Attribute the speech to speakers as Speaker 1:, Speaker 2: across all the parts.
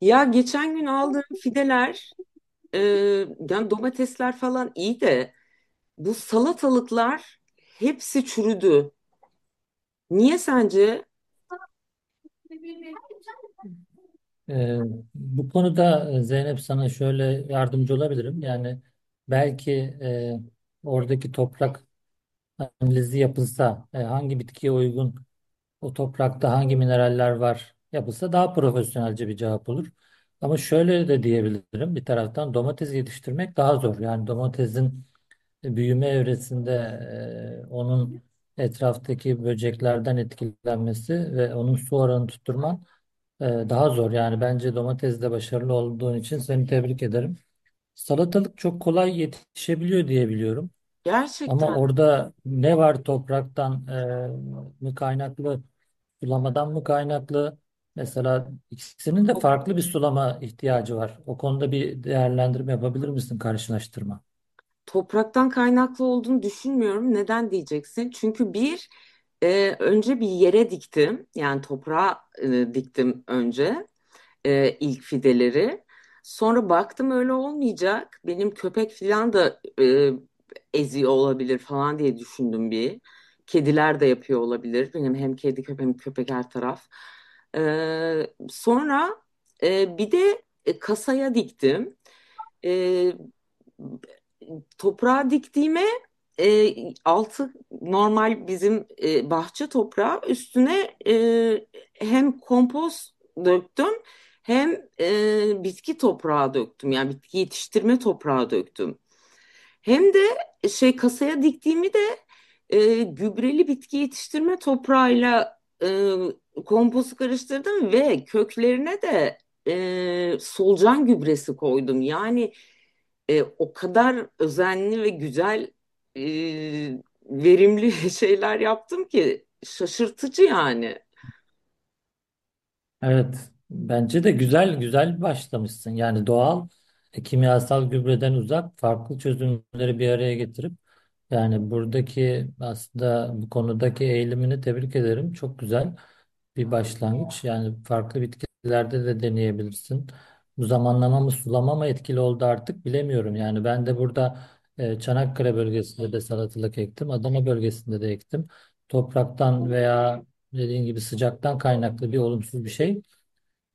Speaker 1: Ya geçen gün aldığım fideler, e, yani domatesler falan iyi de bu salatalıklar hepsi çürüdü. Niye sence?
Speaker 2: Ee, Bu konuda Zeynep sana şöyle yardımcı olabilirim. Yani belki e, oradaki toprak analizi yapılsa, hangi bitkiye uygun, o toprakta hangi mineraller var yapılsa daha profesyonelce bir cevap olur. Ama şöyle de diyebilirim bir taraftan domates yetiştirmek daha zor. Yani domatesin büyüme evresinde onun etraftaki böceklerden etkilenmesi ve onun su oranı tutturman daha zor yani bence domatesde başarılı olduğun için seni tebrik ederim. Salatalık çok kolay yetişebiliyor diye biliyorum. Ama
Speaker 1: Gerçekten
Speaker 2: orada ne var topraktan mı kaynaklı, sulamadan mı kaynaklı? Mesela ikisinin de
Speaker 1: to-
Speaker 2: farklı bir sulama ihtiyacı var. O konuda bir değerlendirme yapabilir misin, karşılaştırma?
Speaker 1: topraktan kaynaklı olduğunu düşünmüyorum. Neden diyeceksin? Çünkü bir, önce bir yere diktim. Yani toprağa diktim önce. E, ilk fideleri. Sonra baktım öyle olmayacak. Benim köpek falan da eziyor olabilir falan diye düşündüm bir. Kediler de yapıyor olabilir. Benim hem kedi köpek hem köpek her taraf. E, Sonra, bir de kasaya diktim. E, Toprağa diktiğime, e, altı normal bizim bahçe toprağı üstüne, hem kompost döktüm hem bitki toprağı döktüm. Yani bitki yetiştirme toprağı döktüm. Hem de şey kasaya diktiğimi de gübreli bitki yetiştirme toprağıyla kompostu karıştırdım ve köklerine de solucan gübresi koydum. Yani o kadar özenli ve güzel, e, verimli şeyler yaptım ki şaşırtıcı yani.
Speaker 2: Evet, bence de güzel güzel başlamışsın. Yani doğal kimyasal gübreden uzak farklı çözümleri bir araya getirip yani buradaki aslında bu konudaki eğilimini tebrik ederim. Çok güzel bir başlangıç. Yani farklı bitkilerde de deneyebilirsin. Bu zamanlama mı sulama mı etkili oldu artık bilemiyorum. Yani ben de burada Çanakkale bölgesinde de salatalık ektim. Adana bölgesinde de ektim. Topraktan veya dediğin gibi sıcaktan kaynaklı bir olumsuz bir şey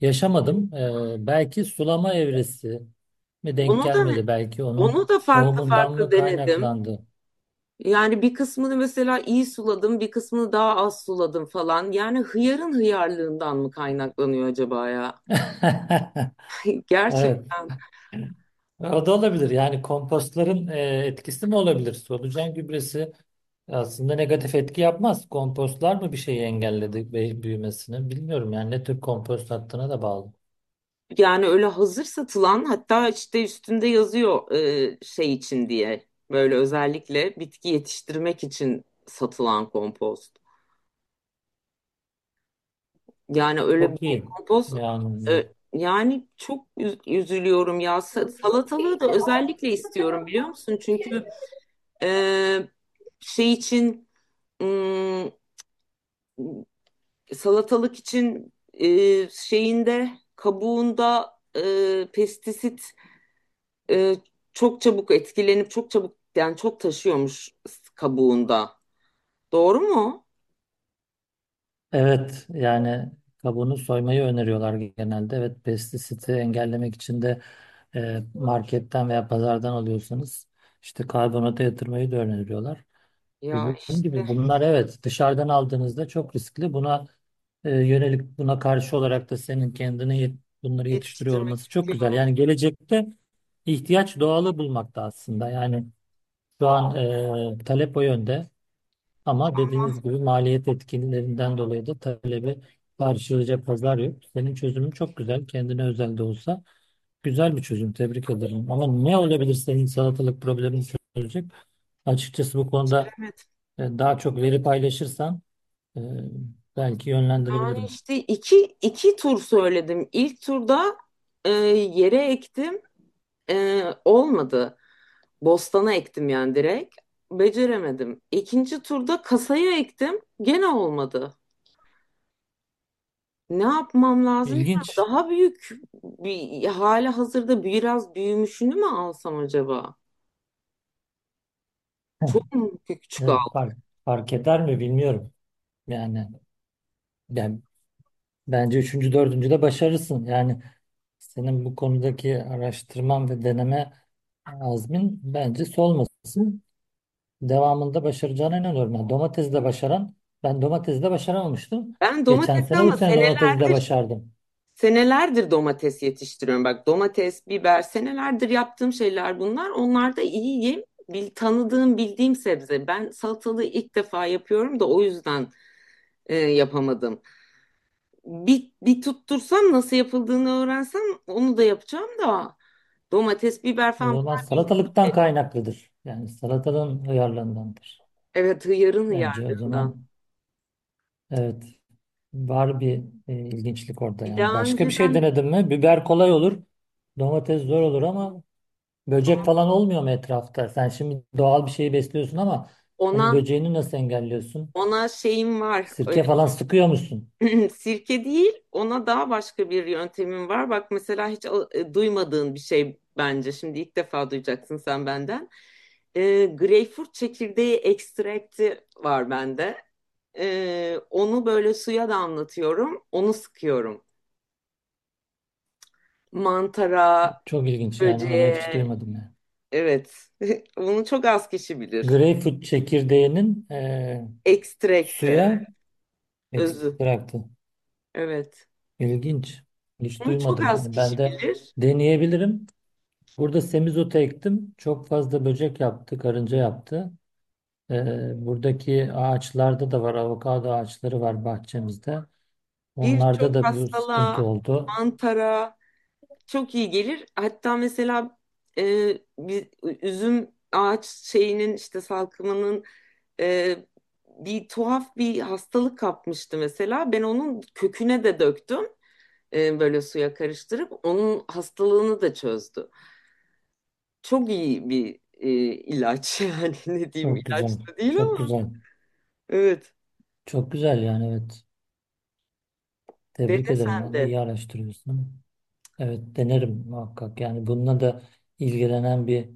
Speaker 2: yaşamadım. Belki sulama evresi mi denk
Speaker 1: Onu da
Speaker 2: gelmedi? Belki
Speaker 1: onu
Speaker 2: onun
Speaker 1: da farklı
Speaker 2: tohumundan
Speaker 1: farklı
Speaker 2: mı
Speaker 1: denedim.
Speaker 2: kaynaklandı?
Speaker 1: Yani bir kısmını mesela iyi suladım, bir kısmını daha az suladım falan. Yani hıyarın hıyarlığından mı kaynaklanıyor acaba ya?
Speaker 2: Evet.
Speaker 1: Gerçekten.
Speaker 2: O da olabilir. Yani kompostların etkisi mi olabilir? Solucan gübresi aslında negatif etki yapmaz. Kompostlar mı bir şeyi engelledi büyümesini? Bilmiyorum yani ne tür kompost attığına da bağlı.
Speaker 1: Yani öyle hazır satılan hatta işte üstünde yazıyor şey için diye. Böyle özellikle bitki yetiştirmek için satılan kompost. Yani öyle bir
Speaker 2: Çok iyi.
Speaker 1: kompoz,
Speaker 2: Yani
Speaker 1: yani çok üzülüyorum ya. Salatalığı da özellikle istiyorum biliyor musun? Çünkü e, şey için ım, salatalık için şeyinde, kabuğunda, pestisit, e, çok çabuk etkilenip çok çabuk yani çok taşıyormuş kabuğunda. Doğru mu?
Speaker 2: evet yani kabuğunu soymayı öneriyorlar genelde. Evet pestisiti engellemek için de marketten veya pazardan alıyorsanız işte karbonata yatırmayı da öneriyorlar. E,
Speaker 1: Ya
Speaker 2: dediğim
Speaker 1: işte.
Speaker 2: gibi bunlar evet dışarıdan aldığınızda çok riskli. Buna yönelik buna karşı olarak da senin kendini bunları yetiştiriyor
Speaker 1: Yetiştirmek
Speaker 2: olması çok güzel.
Speaker 1: istiyorum.
Speaker 2: Yani gelecekte ihtiyaç doğalı bulmakta aslında. Yani şu an talep o yönde. Ama dediğiniz gibi maliyet etkinlerinden dolayı da talebi karşılayacak pazar yok. Senin çözümün çok güzel. Kendine özel de olsa güzel bir çözüm. Tebrik ederim. Ama ne olabilir senin salatalık problemini çözecek? Açıkçası bu konuda
Speaker 1: Beceremedim.
Speaker 2: daha çok veri paylaşırsan e, belki
Speaker 1: Yani
Speaker 2: yönlendirebilirim.
Speaker 1: işte iki, iki tur söyledim. İlk turda yere ektim. E, olmadı. Bostana ektim yani direkt. Beceremedim. İkinci turda kasaya ektim. Gene olmadı. Ne yapmam lazım?
Speaker 2: İlginç.
Speaker 1: Daha büyük bir hali hazırda biraz büyümüşünü mü alsam acaba?
Speaker 2: Heh,
Speaker 1: Çok mu küçük
Speaker 2: evet,
Speaker 1: aldım?
Speaker 2: fark eder mi bilmiyorum. Yani ben bence üçüncü, dördüncü de başarırsın. Yani senin bu konudaki araştırman ve deneme azmin bence solmasın. Devamında başaracağına inanıyorum. Yani domatesi de başaran, ben domatesi de başaramamıştım.
Speaker 1: Ben
Speaker 2: Geçen
Speaker 1: domatesi
Speaker 2: sene bu
Speaker 1: ama
Speaker 2: sene
Speaker 1: seneler.
Speaker 2: domatesi de başardım.
Speaker 1: Senelerdir domates yetiştiriyorum. Bak domates, biber senelerdir yaptığım şeyler bunlar. Onlar da iyiyim. Bil, tanıdığım, bildiğim sebze. Ben salatalığı ilk defa yapıyorum da o yüzden yapamadım. Bir tuttursam nasıl yapıldığını öğrensem onu da yapacağım da. Domates, biber
Speaker 2: O
Speaker 1: falan
Speaker 2: zaman
Speaker 1: bunlar
Speaker 2: salatalıktan kaynaklıdır. Yani salatalığın uyarlandığındır.
Speaker 1: evet hıyarın
Speaker 2: Bence o
Speaker 1: hıyarlığından.
Speaker 2: zaman evet var bir ilginçlik orada
Speaker 1: Bir
Speaker 2: yani.
Speaker 1: daha
Speaker 2: Başka bir şey
Speaker 1: önceden
Speaker 2: denedin mi? Biber kolay olur. Domates zor olur ama böcek falan olmuyor mu etrafta? Sen şimdi doğal bir şeyi besliyorsun ama
Speaker 1: ona
Speaker 2: onun böceğini nasıl engelliyorsun?
Speaker 1: ona şeyim var. E,
Speaker 2: Sirke falan sıkıyor musun?
Speaker 1: Sirke değil, ona daha başka bir yöntemim var. Bak mesela hiç duymadığın bir şey bence. Şimdi ilk defa duyacaksın sen benden. E, greyfurt çekirdeği ekstrakti var bende. E, onu böyle suya damlatıyorum, onu sıkıyorum. Mantara,
Speaker 2: Çok ilginç yani onu hiç
Speaker 1: böceğe,
Speaker 2: duymadım ya.
Speaker 1: evet. Bunu çok az kişi bilir.
Speaker 2: Greyfurt çekirdeğinin
Speaker 1: Ekstrakti,
Speaker 2: suya
Speaker 1: evet, özü,
Speaker 2: ekstraktı.
Speaker 1: evet.
Speaker 2: İlginç. Hiç
Speaker 1: Bunu çok
Speaker 2: duymadım
Speaker 1: az
Speaker 2: yani. Ben
Speaker 1: kişi
Speaker 2: de
Speaker 1: bilir.
Speaker 2: deneyebilirim. Burada semizotu ektim. Çok fazla böcek yaptı, karınca yaptı. E, buradaki ağaçlarda da var. Avokado ağaçları var bahçemizde. Onlarda
Speaker 1: Birçok
Speaker 2: da bu
Speaker 1: hastalığa,
Speaker 2: sıkıntı oldu.
Speaker 1: mantara, çok iyi gelir. Hatta mesela bir üzüm ağaç şeyinin işte salkımının, e, bir tuhaf bir hastalık kapmıştı mesela. Ben onun köküne de döktüm, böyle suya karıştırıp onun hastalığını da çözdü. Çok iyi bir ilaç, yani ne diyeyim
Speaker 2: Çok
Speaker 1: ilaç
Speaker 2: güzel.
Speaker 1: da değil
Speaker 2: Çok
Speaker 1: ama
Speaker 2: güzel.
Speaker 1: evet,
Speaker 2: Çok güzel yani evet. Tebrik
Speaker 1: dene
Speaker 2: ederim.
Speaker 1: sen de.
Speaker 2: Vallahi iyi araştırıyorsun. Evet denerim muhakkak. Yani bununla da ilgilenen bir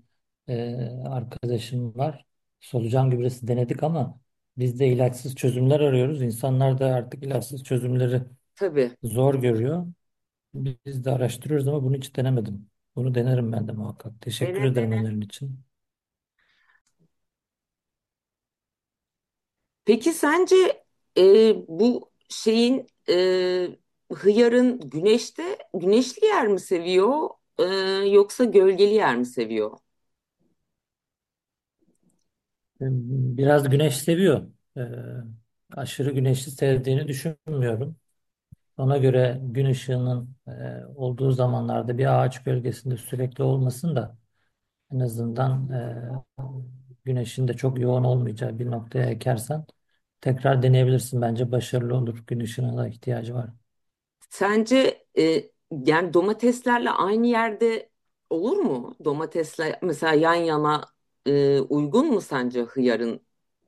Speaker 2: e, arkadaşım var. Solucan gübresi denedik ama biz de ilaçsız çözümler arıyoruz. İnsanlar da artık ilaçsız çözümleri
Speaker 1: Tabii
Speaker 2: zor görüyor. Biz de araştırıyoruz ama bunu hiç denemedim. Bunu denerim ben de muhakkak. Teşekkür ederim
Speaker 1: dene.
Speaker 2: önerin için.
Speaker 1: Peki sence, bu şeyin, hıyarın güneşte güneşli yer mi seviyor e, yoksa gölgeli yer mi seviyor?
Speaker 2: E, Biraz güneş seviyor. E, Aşırı güneşi sevdiğini düşünmüyorum. Ona göre gün ışığının olduğu zamanlarda bir ağaç gölgesinde sürekli olmasın da en azından güneşin de çok yoğun olmayacağı bir noktaya ekersen tekrar deneyebilirsin. Bence başarılı olur. Gün ışığına da ihtiyacı var.
Speaker 1: Sence, yani domateslerle aynı yerde olur mu? Domatesle mesela yan yana, uygun mu sence hıyarın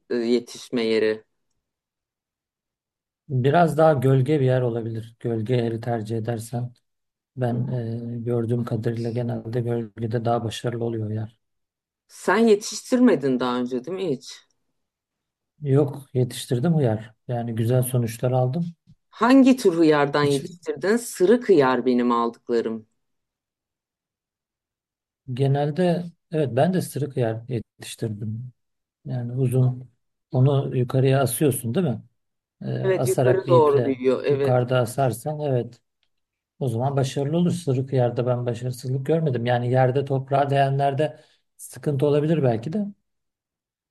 Speaker 1: yetişme yeri?
Speaker 2: Biraz daha gölge bir yer olabilir. Gölge yeri tercih edersen ben gördüğüm kadarıyla genelde gölgede daha başarılı oluyor yer.
Speaker 1: Sen yetiştirmedin daha önce değil mi hiç?
Speaker 2: Yok yetiştirdim uyar. Yani güzel sonuçlar aldım.
Speaker 1: Hangi tür hıyardan
Speaker 2: Hiç
Speaker 1: yetiştirdin? Sırık hıyar benim aldıklarım.
Speaker 2: genelde evet ben de sırık yer yetiştirdim. Yani uzun onu yukarıya asıyorsun değil mi?
Speaker 1: Evet
Speaker 2: Asarak
Speaker 1: yukarı
Speaker 2: bir
Speaker 1: doğru
Speaker 2: iple
Speaker 1: büyüyor, evet.
Speaker 2: yukarıda asarsan evet o zaman başarılı olur. Sırık yerde ben başarısızlık görmedim. Yani yerde toprağa değenlerde sıkıntı olabilir belki de.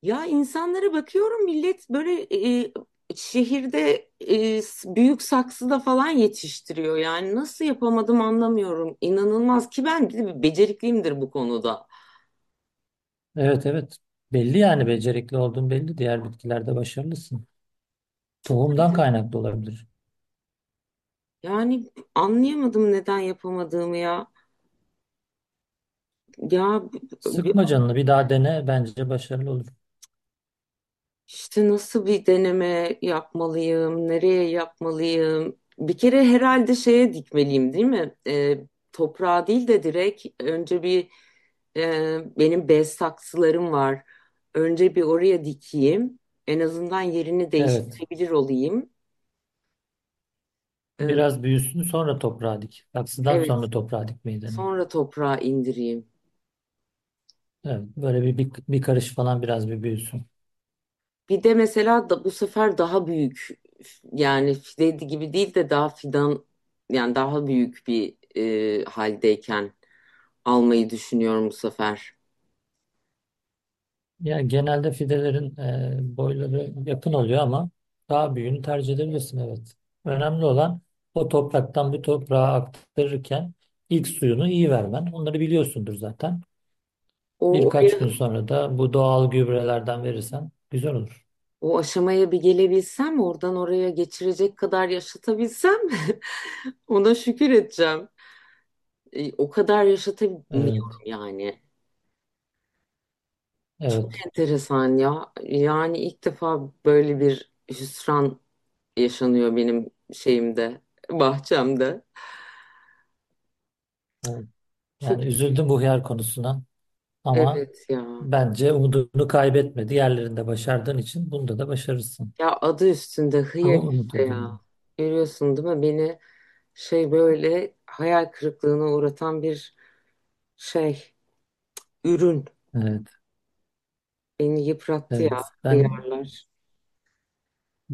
Speaker 1: Ya insanlara bakıyorum millet böyle, şehirde, büyük saksıda falan yetiştiriyor. Yani nasıl yapamadım anlamıyorum. İnanılmaz ki ben bir de becerikliyimdir bu konuda.
Speaker 2: Evet, evet, belli yani becerikli olduğun belli. Diğer bitkilerde başarılısın. Tohumdan kaynaklı olabilir.
Speaker 1: Yani anlayamadım neden yapamadığımı ya. Ya,
Speaker 2: Sıkma canını bir daha dene bence başarılı olur.
Speaker 1: İşte nasıl bir deneme yapmalıyım, nereye yapmalıyım? Bir kere herhalde şeye dikmeliyim, değil mi? Toprağa değil de direkt önce bir, benim bez saksılarım var. Önce bir oraya dikeyim. En azından yerini
Speaker 2: Evet
Speaker 1: değiştirebilir olayım. Ee,
Speaker 2: biraz büyüsün sonra toprağa dik. Saksıdan
Speaker 1: evet,
Speaker 2: sonra toprağa dikmeyi dene.
Speaker 1: sonra toprağa indireyim.
Speaker 2: Evet böyle bir karış falan biraz bir büyüsün.
Speaker 1: Bir de mesela da bu sefer daha büyük, yani fide gibi değil de daha fidan, yani daha büyük bir haldeyken almayı düşünüyorum bu sefer.
Speaker 2: Ya genelde fidelerin boyları yakın oluyor ama daha büyüğünü tercih edebilirsin evet. Önemli olan o topraktan bir toprağa aktarırken ilk suyunu iyi vermen. Onları biliyorsundur zaten.
Speaker 1: O
Speaker 2: Birkaç gün
Speaker 1: oraya,
Speaker 2: sonra da bu doğal gübrelerden verirsen güzel olur.
Speaker 1: o aşamaya bir gelebilsem, oradan oraya geçirecek kadar yaşatabilsem ona şükür edeceğim. E, o kadar yaşatamıyorum
Speaker 2: Evet,
Speaker 1: yani.
Speaker 2: evet.
Speaker 1: Enteresan ya. Yani ilk defa böyle bir hüsran yaşanıyor benim şeyimde, bahçemde.
Speaker 2: Evet.
Speaker 1: Çok
Speaker 2: Yani üzüldüm bu hıyar konusuna ama
Speaker 1: evet ya.
Speaker 2: bence umudunu kaybetme. Diğerlerinde başardığın için bunda da başarırsın.
Speaker 1: Ya adı üstünde
Speaker 2: Bunu
Speaker 1: hıyar
Speaker 2: umut
Speaker 1: işte ya.
Speaker 2: ediyorum.
Speaker 1: Görüyorsun değil mi? Beni şey böyle hayal kırıklığına uğratan bir şey. Ürün
Speaker 2: Evet,
Speaker 1: beni yıprattı ya,
Speaker 2: evet. Ben
Speaker 1: hıyarlar.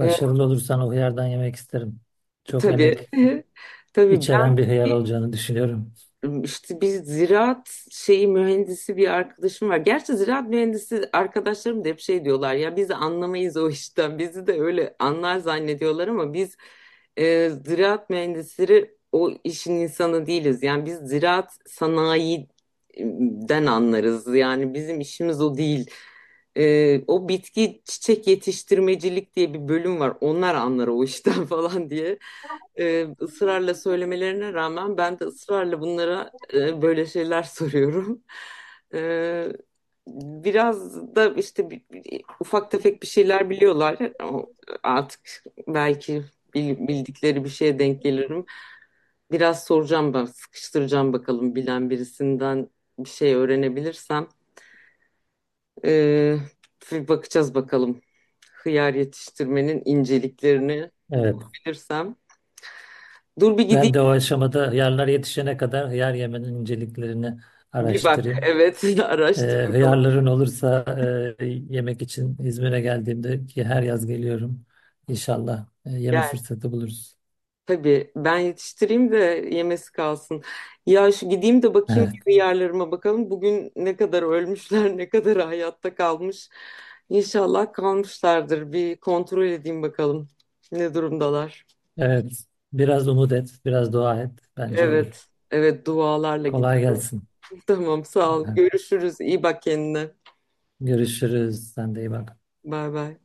Speaker 1: E,
Speaker 2: olursan o hıyardan yemek isterim. Çok emek
Speaker 1: tabii, tabii ben,
Speaker 2: içeren bir hıyar olacağını düşünüyorum.
Speaker 1: İşte bir ziraat şeyi mühendisi bir arkadaşım var. Gerçi ziraat mühendisi arkadaşlarım da hep şey diyorlar ya biz anlamayız o işten. Bizi de öyle anlar zannediyorlar ama biz, ziraat mühendisleri o işin insanı değiliz. Yani biz ziraat sanayiden anlarız. Yani bizim işimiz o değil. E, o bitki çiçek yetiştirmecilik diye bir bölüm var. Onlar anlar o işten falan diye ısrarla söylemelerine rağmen ben de ısrarla bunlara, böyle şeyler soruyorum. E, biraz da işte ufak tefek bir şeyler biliyorlar. O- Artık belki bildikleri bir şeye denk gelirim. Biraz soracağım ben, sıkıştıracağım bakalım bilen birisinden bir şey öğrenebilirsem. E, bir bakacağız bakalım hıyar yetiştirmenin inceliklerini
Speaker 2: Evet.
Speaker 1: bulabilirsem. Dur bir gideyim.
Speaker 2: Ben de o aşamada hıyarlar yetişene kadar hıyar yemenin inceliklerini
Speaker 1: Bir bak,
Speaker 2: araştırayım.
Speaker 1: evet,
Speaker 2: Ee,
Speaker 1: araştır bakalım.
Speaker 2: Hıyarların olursa yemek için İzmir'e geldiğimde ki her yaz geliyorum. İnşallah yeme
Speaker 1: Gel.
Speaker 2: fırsatı buluruz.
Speaker 1: Tabii ben yetiştireyim de yemesi kalsın. Ya şu gideyim de bakayım
Speaker 2: Evet.
Speaker 1: yerlerime bakalım. Bugün ne kadar ölmüşler, ne kadar hayatta kalmış. İnşallah kalmışlardır. Bir kontrol edeyim bakalım ne durumdalar.
Speaker 2: Evet. Biraz umut et, biraz dua et. Bence olur.
Speaker 1: Evet, evet, dualarla
Speaker 2: Kolay
Speaker 1: gidiyorum.
Speaker 2: gelsin.
Speaker 1: Tamam, sağ ol.
Speaker 2: Evet.
Speaker 1: Görüşürüz. İyi bak kendine.
Speaker 2: Görüşürüz. Sen de iyi bak.
Speaker 1: Bay bay.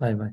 Speaker 2: Bay bay.